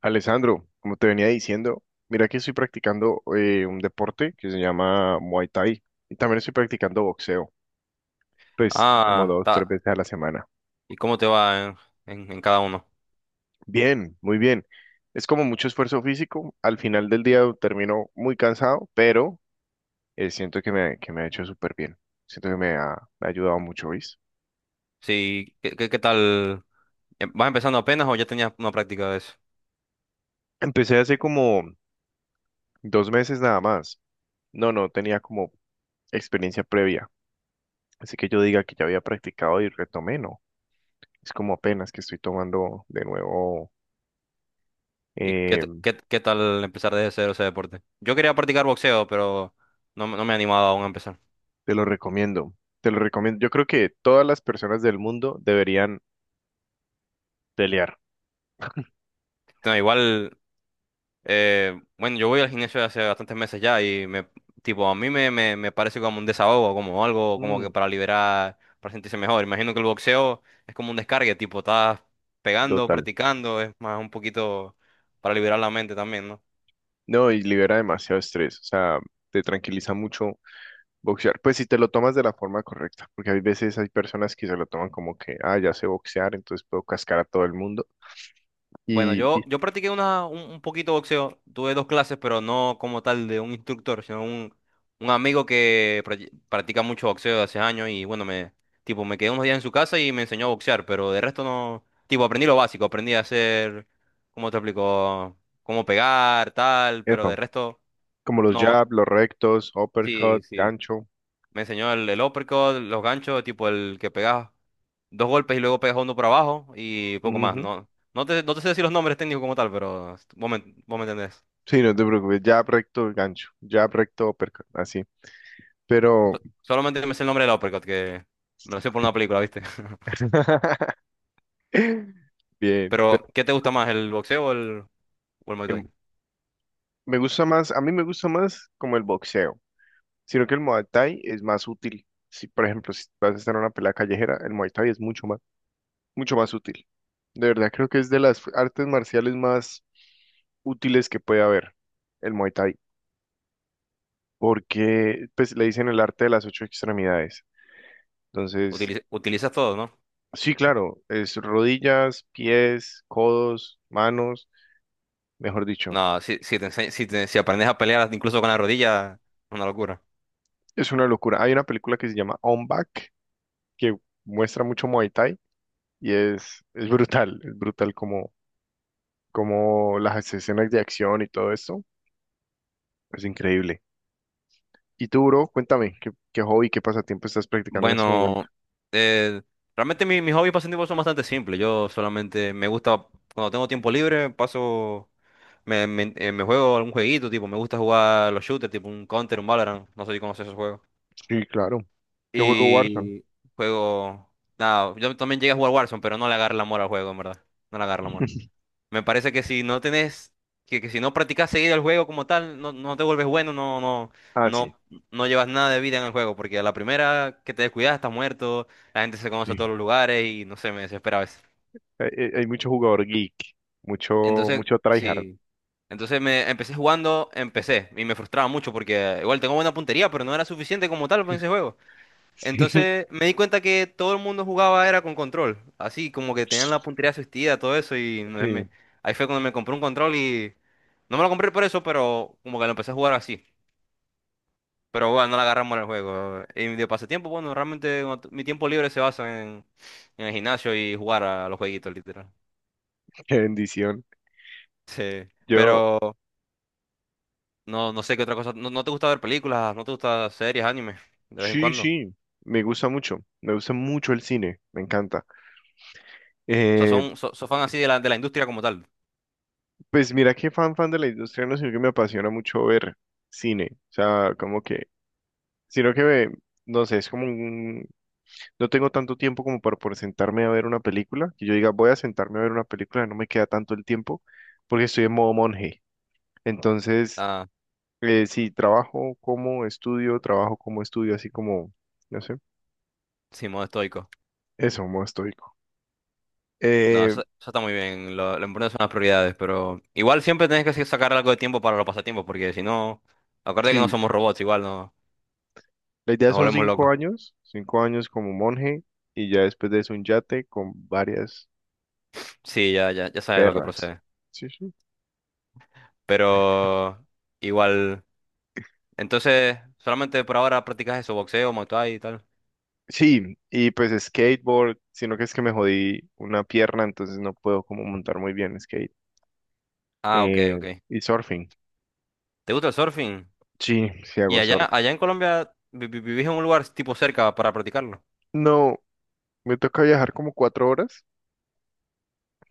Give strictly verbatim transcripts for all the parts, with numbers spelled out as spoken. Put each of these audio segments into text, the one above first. Alessandro, como te venía diciendo, mira que estoy practicando eh, un deporte que se llama Muay Thai y también estoy practicando boxeo, pues como Ah, dos, tres está. veces a la semana. ¿Y cómo te va en, en- en cada uno? Bien, muy bien. Es como mucho esfuerzo físico. Al final del día termino muy cansado, pero eh, siento que me, que me ha hecho súper bien. Siento que me ha, me ha ayudado mucho, ¿veis? Sí, ¿qué, qué, ¿qué tal? Eh, ¿Vas empezando apenas o ya tenías una práctica de eso? Empecé hace como dos meses nada más. No, no tenía como experiencia previa. Así que yo diga que ya había practicado y retomé, ¿no? Es como apenas que estoy tomando de nuevo. ¿Y qué, eh, t- qué, qué tal empezar desde cero ese deporte? Yo quería practicar boxeo, pero no, me no me he animado aún a empezar. Te lo recomiendo. Te lo recomiendo. Yo creo que todas las personas del mundo deberían pelear. No, igual. Eh, bueno, yo voy al gimnasio hace bastantes meses ya y me, tipo, a mí me, me, me parece como un desahogo, como algo como que Mm, para liberar, para sentirse mejor. Imagino que el boxeo es como un descargue, tipo, estás pegando, total. practicando, es más un poquito para liberar la mente también, ¿no? No, y libera demasiado estrés. O sea, te tranquiliza mucho boxear. Pues si te lo tomas de la forma correcta. Porque hay veces hay personas que se lo toman como que, ah, ya sé boxear, entonces puedo cascar a todo el mundo. Bueno, Y, y yo, yo practiqué una, un, un poquito boxeo. Tuve dos clases, pero no como tal de un instructor, sino un, un amigo que pra- practica mucho boxeo de hace años y bueno, me, tipo, me quedé unos días en su casa y me enseñó a boxear, pero de resto no, tipo, aprendí lo básico, aprendí a hacer, ¿cómo te explico? Cómo pegar, tal, pero epa, de resto como los no, jab, los rectos, sí, uppercut, sí. gancho. Me enseñó el, el uppercut, los ganchos, tipo el que pegás dos golpes y luego pegas uno por abajo y poco más. Ujú. No, no te, no te sé decir los nombres técnicos como tal, pero vos me, vos me entendés. Sí, no te preocupes. Jab, recto, gancho. Jab, recto, uppercut. Así. Pero So- Solamente me sé el nombre del uppercut, que me lo sé por una película, ¿viste? bien. Pero Pero ¿qué te gusta más, el boxeo o el, o el Muay Thai? el- me gusta más, a mí me gusta más como el boxeo, sino que el Muay Thai es más útil. Si, por ejemplo, si vas a estar en una pelea callejera, el Muay Thai es mucho más, mucho más útil. De verdad, creo que es de las artes marciales más útiles que puede haber, el Muay Thai, porque pues le dicen el arte de las ocho extremidades. Entonces, Utiliz- utilizas todo, ¿no? sí, claro, es rodillas, pies, codos, manos, mejor dicho. No, si, si, te ense- si, te- si aprendes a pelear incluso con la rodilla, es una locura. Es una locura. Hay una película que se llama On Back que muestra mucho Muay Thai y es, es brutal, es brutal como, como las escenas de acción y todo esto. Es increíble. Y tú, bro, cuéntame, ¿qué, qué hobby, qué pasatiempo estás practicando en este momento? Bueno, eh, realmente mi- mis hobbies pasatiempos son bastante simples. Yo solamente me gusta, cuando tengo tiempo libre, paso... Me, me, eh, me juego algún jueguito, tipo, me gusta jugar los shooters, tipo un Counter, un Valorant, no sé si conoces esos juegos. Sí, claro. Yo juego Warzone. Y juego... Nada, yo también llegué a jugar Warzone, pero no le agarro el amor al juego, en verdad. No le agarro el amor. Me parece que si no tenés... Que, que si no practicas seguido el juego como tal, no, no te vuelves bueno, no, no, Ah, sí, no, no llevas nada de vida en el juego, porque a la primera que te descuidas estás muerto, la gente se conoce a todos sí. los lugares y no sé, me desespera a veces. Hay, hay- hay mucho jugador geek, mucho, Entonces, mucho tryhard. sí. Entonces me empecé jugando, empecé y me frustraba mucho porque igual tengo buena puntería, pero no era suficiente como tal para ese juego. Sí, Entonces me di cuenta que todo el mundo jugaba era con control, así como que tenían la puntería asistida, todo eso y me- me- sí, ahí fue cuando me compré un control y no me lo compré por eso, pero como que lo empecé a jugar así. Pero bueno, no le agarramos el juego. Y de pasatiempo, bueno, realmente cuando t- mi tiempo libre se basa en, en el gimnasio y jugar a los jueguitos, literal. qué bendición. Sí. Yo, Pero no, no sé qué otra cosa. No, no te gusta ver películas, no te gusta series, anime, de vez en sí, cuando. O sí, me gusta mucho, me gusta mucho el cine, me encanta. sea, Eh, son, so, so fan así de la, de la industria como tal. Pues mira que fan fan de la industria, no, sino que me apasiona mucho ver cine, o sea, como que, sino que me, no sé, es como un, no tengo tanto tiempo como para por sentarme a ver una película, que yo diga, voy a sentarme a ver una película, no me queda tanto el tiempo, porque estoy en modo monje, entonces, Ah, eh, sí, trabajo como estudio, trabajo como estudio, así como, no sé, sí, modo estoico. eso, modo estoico. No, Eh, eso, eso está muy bien. Lo, lo importante son las prioridades, pero igual siempre tenés que sacar algo de tiempo para los pasatiempos, porque si no, acuérdate que no sí, somos robots, igual no, la idea nos son volvemos cinco locos. años, cinco años como monje, y ya después de eso un yate con varias Sí, ya, ya, ya sabes lo que perras. procede. Sí, sí. Pero igual, entonces, solamente por ahora practicas eso, boxeo, Muay Thai y tal. Sí, y pues skateboard, sino que es que me jodí una pierna, entonces no puedo como montar muy bien skate. Ah, ok, Eh, ok. y surfing. ¿Te gusta el surfing? Sí, sí Y hago allá, surf. allá en Colombia, vi- vi- ¿vivís en un lugar tipo cerca para practicarlo? No, me toca viajar como cuatro horas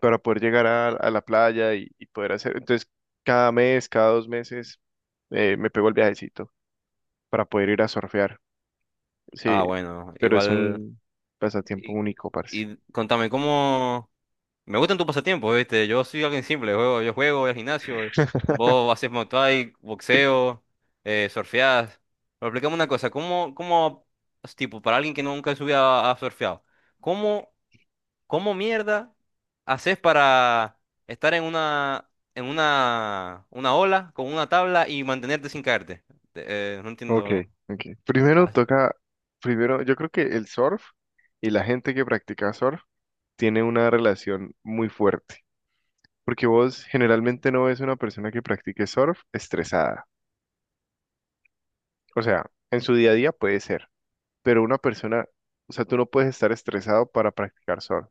para poder llegar a, a la playa y, y poder hacer. Entonces, cada mes, cada dos meses, eh, me pego el viajecito para poder ir a surfear. Sí, Ah, bueno, pero es igual. un pasatiempo Y, único, parce. y contame, ¿cómo? Me gustan tus pasatiempos, ¿viste? Yo soy alguien simple, juego, yo juego, voy al gimnasio, vos haces Muay Thai, boxeo, eh, surfeás. Pero explícame una cosa, ¿cómo, cómo, tipo, para alguien que nunca en su vida ha ha surfeado, ¿cómo? ¿Cómo mierda haces para estar en una, en una, una ola con una tabla y mantenerte sin caerte? Te- eh, no Ok, entiendo. ok. Primero Ah, toca, primero, yo creo que el surf y la gente que practica surf tiene una relación muy fuerte, porque vos generalmente no ves una persona que practique surf estresada. O sea, en su día a día puede ser, pero una persona, o sea, tú no puedes estar estresado para practicar surf.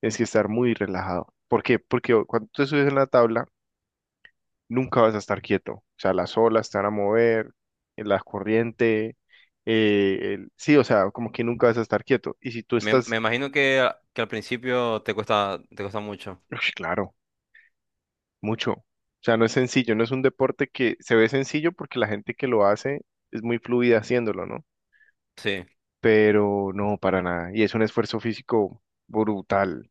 Tienes que estar muy relajado. ¿Por qué? Porque cuando tú te subes en la tabla, nunca vas a estar quieto. O sea, las olas te van a mover, la corriente, eh, el- sí, o sea, como que nunca vas a estar quieto. Y si tú Me, estás, me imagino que, que al principio te cuesta, te cuesta mucho. ush, claro, mucho. O sea, no es sencillo, no es un deporte que se ve sencillo porque la gente que lo hace es muy fluida haciéndolo, ¿no? Sí. Pero no, para nada. Y es un esfuerzo físico brutal.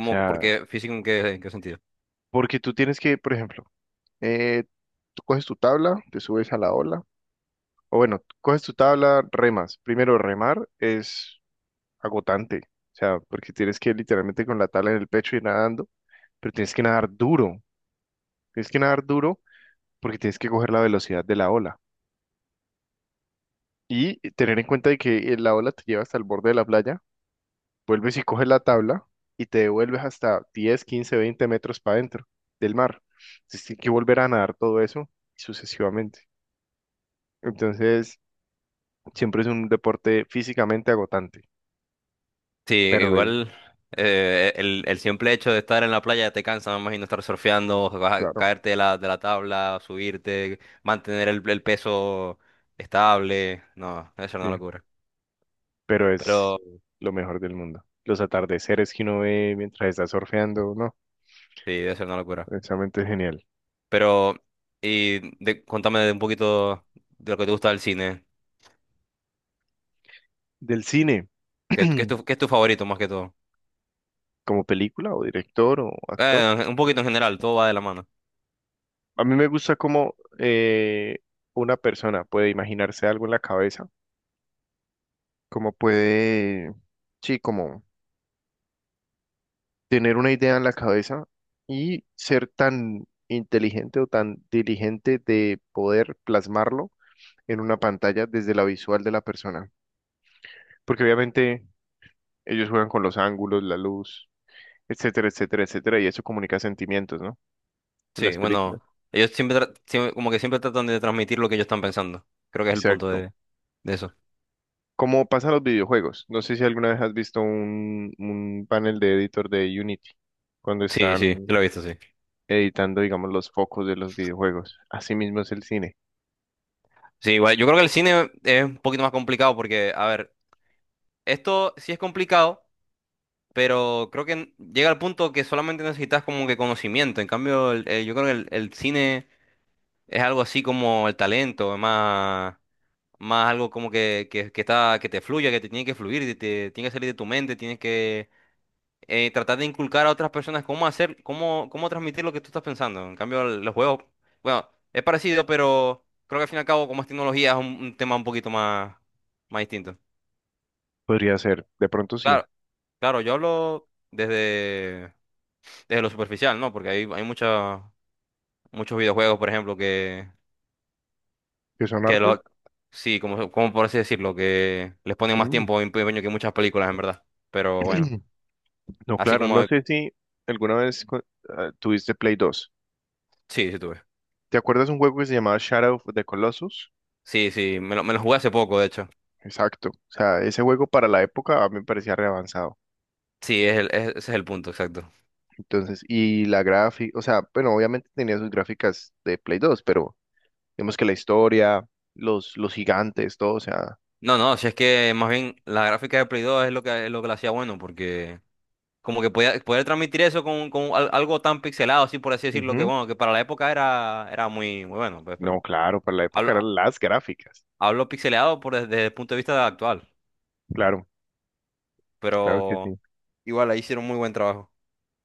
O sea, Porque físico en qué, en qué sentido. porque tú tienes que, por ejemplo, eh, tú coges tu tabla, te subes a la ola, o bueno, coges tu tabla, remas. Primero remar es agotante. O sea, porque tienes que ir literalmente con la tabla en el pecho y nadando, pero tienes que nadar duro. Tienes que nadar duro porque tienes que coger la velocidad de la ola. Y tener en cuenta de que eh, la ola te lleva hasta el borde de la playa, vuelves y coges la tabla y te devuelves hasta diez, quince, veinte metros para adentro del mar. Entonces tienes que volver a nadar todo eso sucesivamente. Entonces, siempre es un deporte físicamente agotante, Sí, pero es, igual eh, el, el simple hecho de estar en la playa te cansa, me imagino estar surfeando, vas a claro, caerte de la, de la tabla, subirte, mantener el, el peso estable. No, debe ser una sí. locura. Pero es Pero lo mejor del mundo. Los atardeceres que uno ve mientras está surfeando, no, sí, debe ser una locura. precisamente es genial. Pero, y de- contame de un poquito de lo que te gusta del cine. Del cine, ¿Qué, qué es tu, qué es tu favorito más que todo? como película o director o actor, Eh, un poquito en general, todo va de la mano. a mí me gusta cómo eh, una persona puede imaginarse algo en la cabeza, cómo puede, sí, como tener una idea en la cabeza y ser tan inteligente o tan diligente de poder plasmarlo en una pantalla desde la visual de la persona. Porque obviamente ellos juegan con los ángulos, la luz, etcétera, etcétera, etcétera, y eso comunica sentimientos, ¿no? En Sí, las bueno, películas. ellos siempre, tra- siempre, como que siempre tratan de transmitir lo que ellos están pensando. Creo que es el punto Exacto. de, de eso. Como pasa en los videojuegos. No sé si alguna vez has visto un, un panel de editor de Unity, cuando Sí, sí, yo están lo he visto, sí. editando, digamos, los focos de los videojuegos. Así mismo es el cine. Sí, igual, yo creo que el cine es un poquito más complicado porque, a ver, esto sí es complicado, pero creo que llega al punto que solamente necesitas como que conocimiento. En cambio, el- el- yo creo que el el cine... Es algo así como el talento, es más, más algo como que, que, que está, que te fluya, que te tiene que fluir, te, te tiene que salir de tu mente, tienes que eh, tratar de inculcar a otras personas cómo hacer, cómo, cómo transmitir lo que tú estás pensando. En cambio, el- los juegos, bueno, es parecido, pero creo que al fin y al cabo, como es tecnología, es un, un tema un poquito más, más distinto. Podría ser, de pronto sí. Claro, claro, yo hablo desde, desde lo superficial, ¿no? Porque hay, hay mucha- muchos videojuegos, por ejemplo, ¿Qué son Que arte? lo, sí, como, como por así decirlo, que les ponen más Mm. tiempo y empeño que muchas películas, en verdad. Pero bueno, No, así claro, no como... sé si alguna vez cu- ah, tuviste Play dos. Sí, sí tuve. ¿Te acuerdas un juego que se llamaba Shadow of the Colossus? Sí, sí, me lo, me lo jugué hace poco, de hecho. Exacto. O sea, ese juego para la época a mí me parecía re avanzado. Sí, es el- es- ese es el punto, exacto. Entonces, y la gráfica, o sea, bueno, obviamente tenía sus gráficas de Play dos, pero digamos que la historia, los, los gigantes, todo, o sea, No, no, si es que más bien la gráfica de Play dos es lo que, es lo que la hacía bueno, porque como que podía, poder transmitir eso con, con al- algo tan pixelado, así por así decirlo, que ujú. bueno, que para la época era, era muy, muy bueno, pues, No, pero claro, para la hablo, época eran las gráficas. hablo pixelado por, desde el punto de vista actual, Claro, claro que pero sí. igual ahí hicieron muy buen trabajo,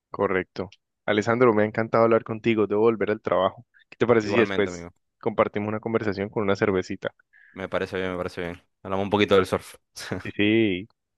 Correcto. Alessandro, me ha encantado hablar contigo. Debo volver al trabajo. ¿Qué te parece si igualmente, después amigo. compartimos una conversación con una cervecita? Me parece bien, me parece bien. Hablamos un poquito del surf. Sí, sí.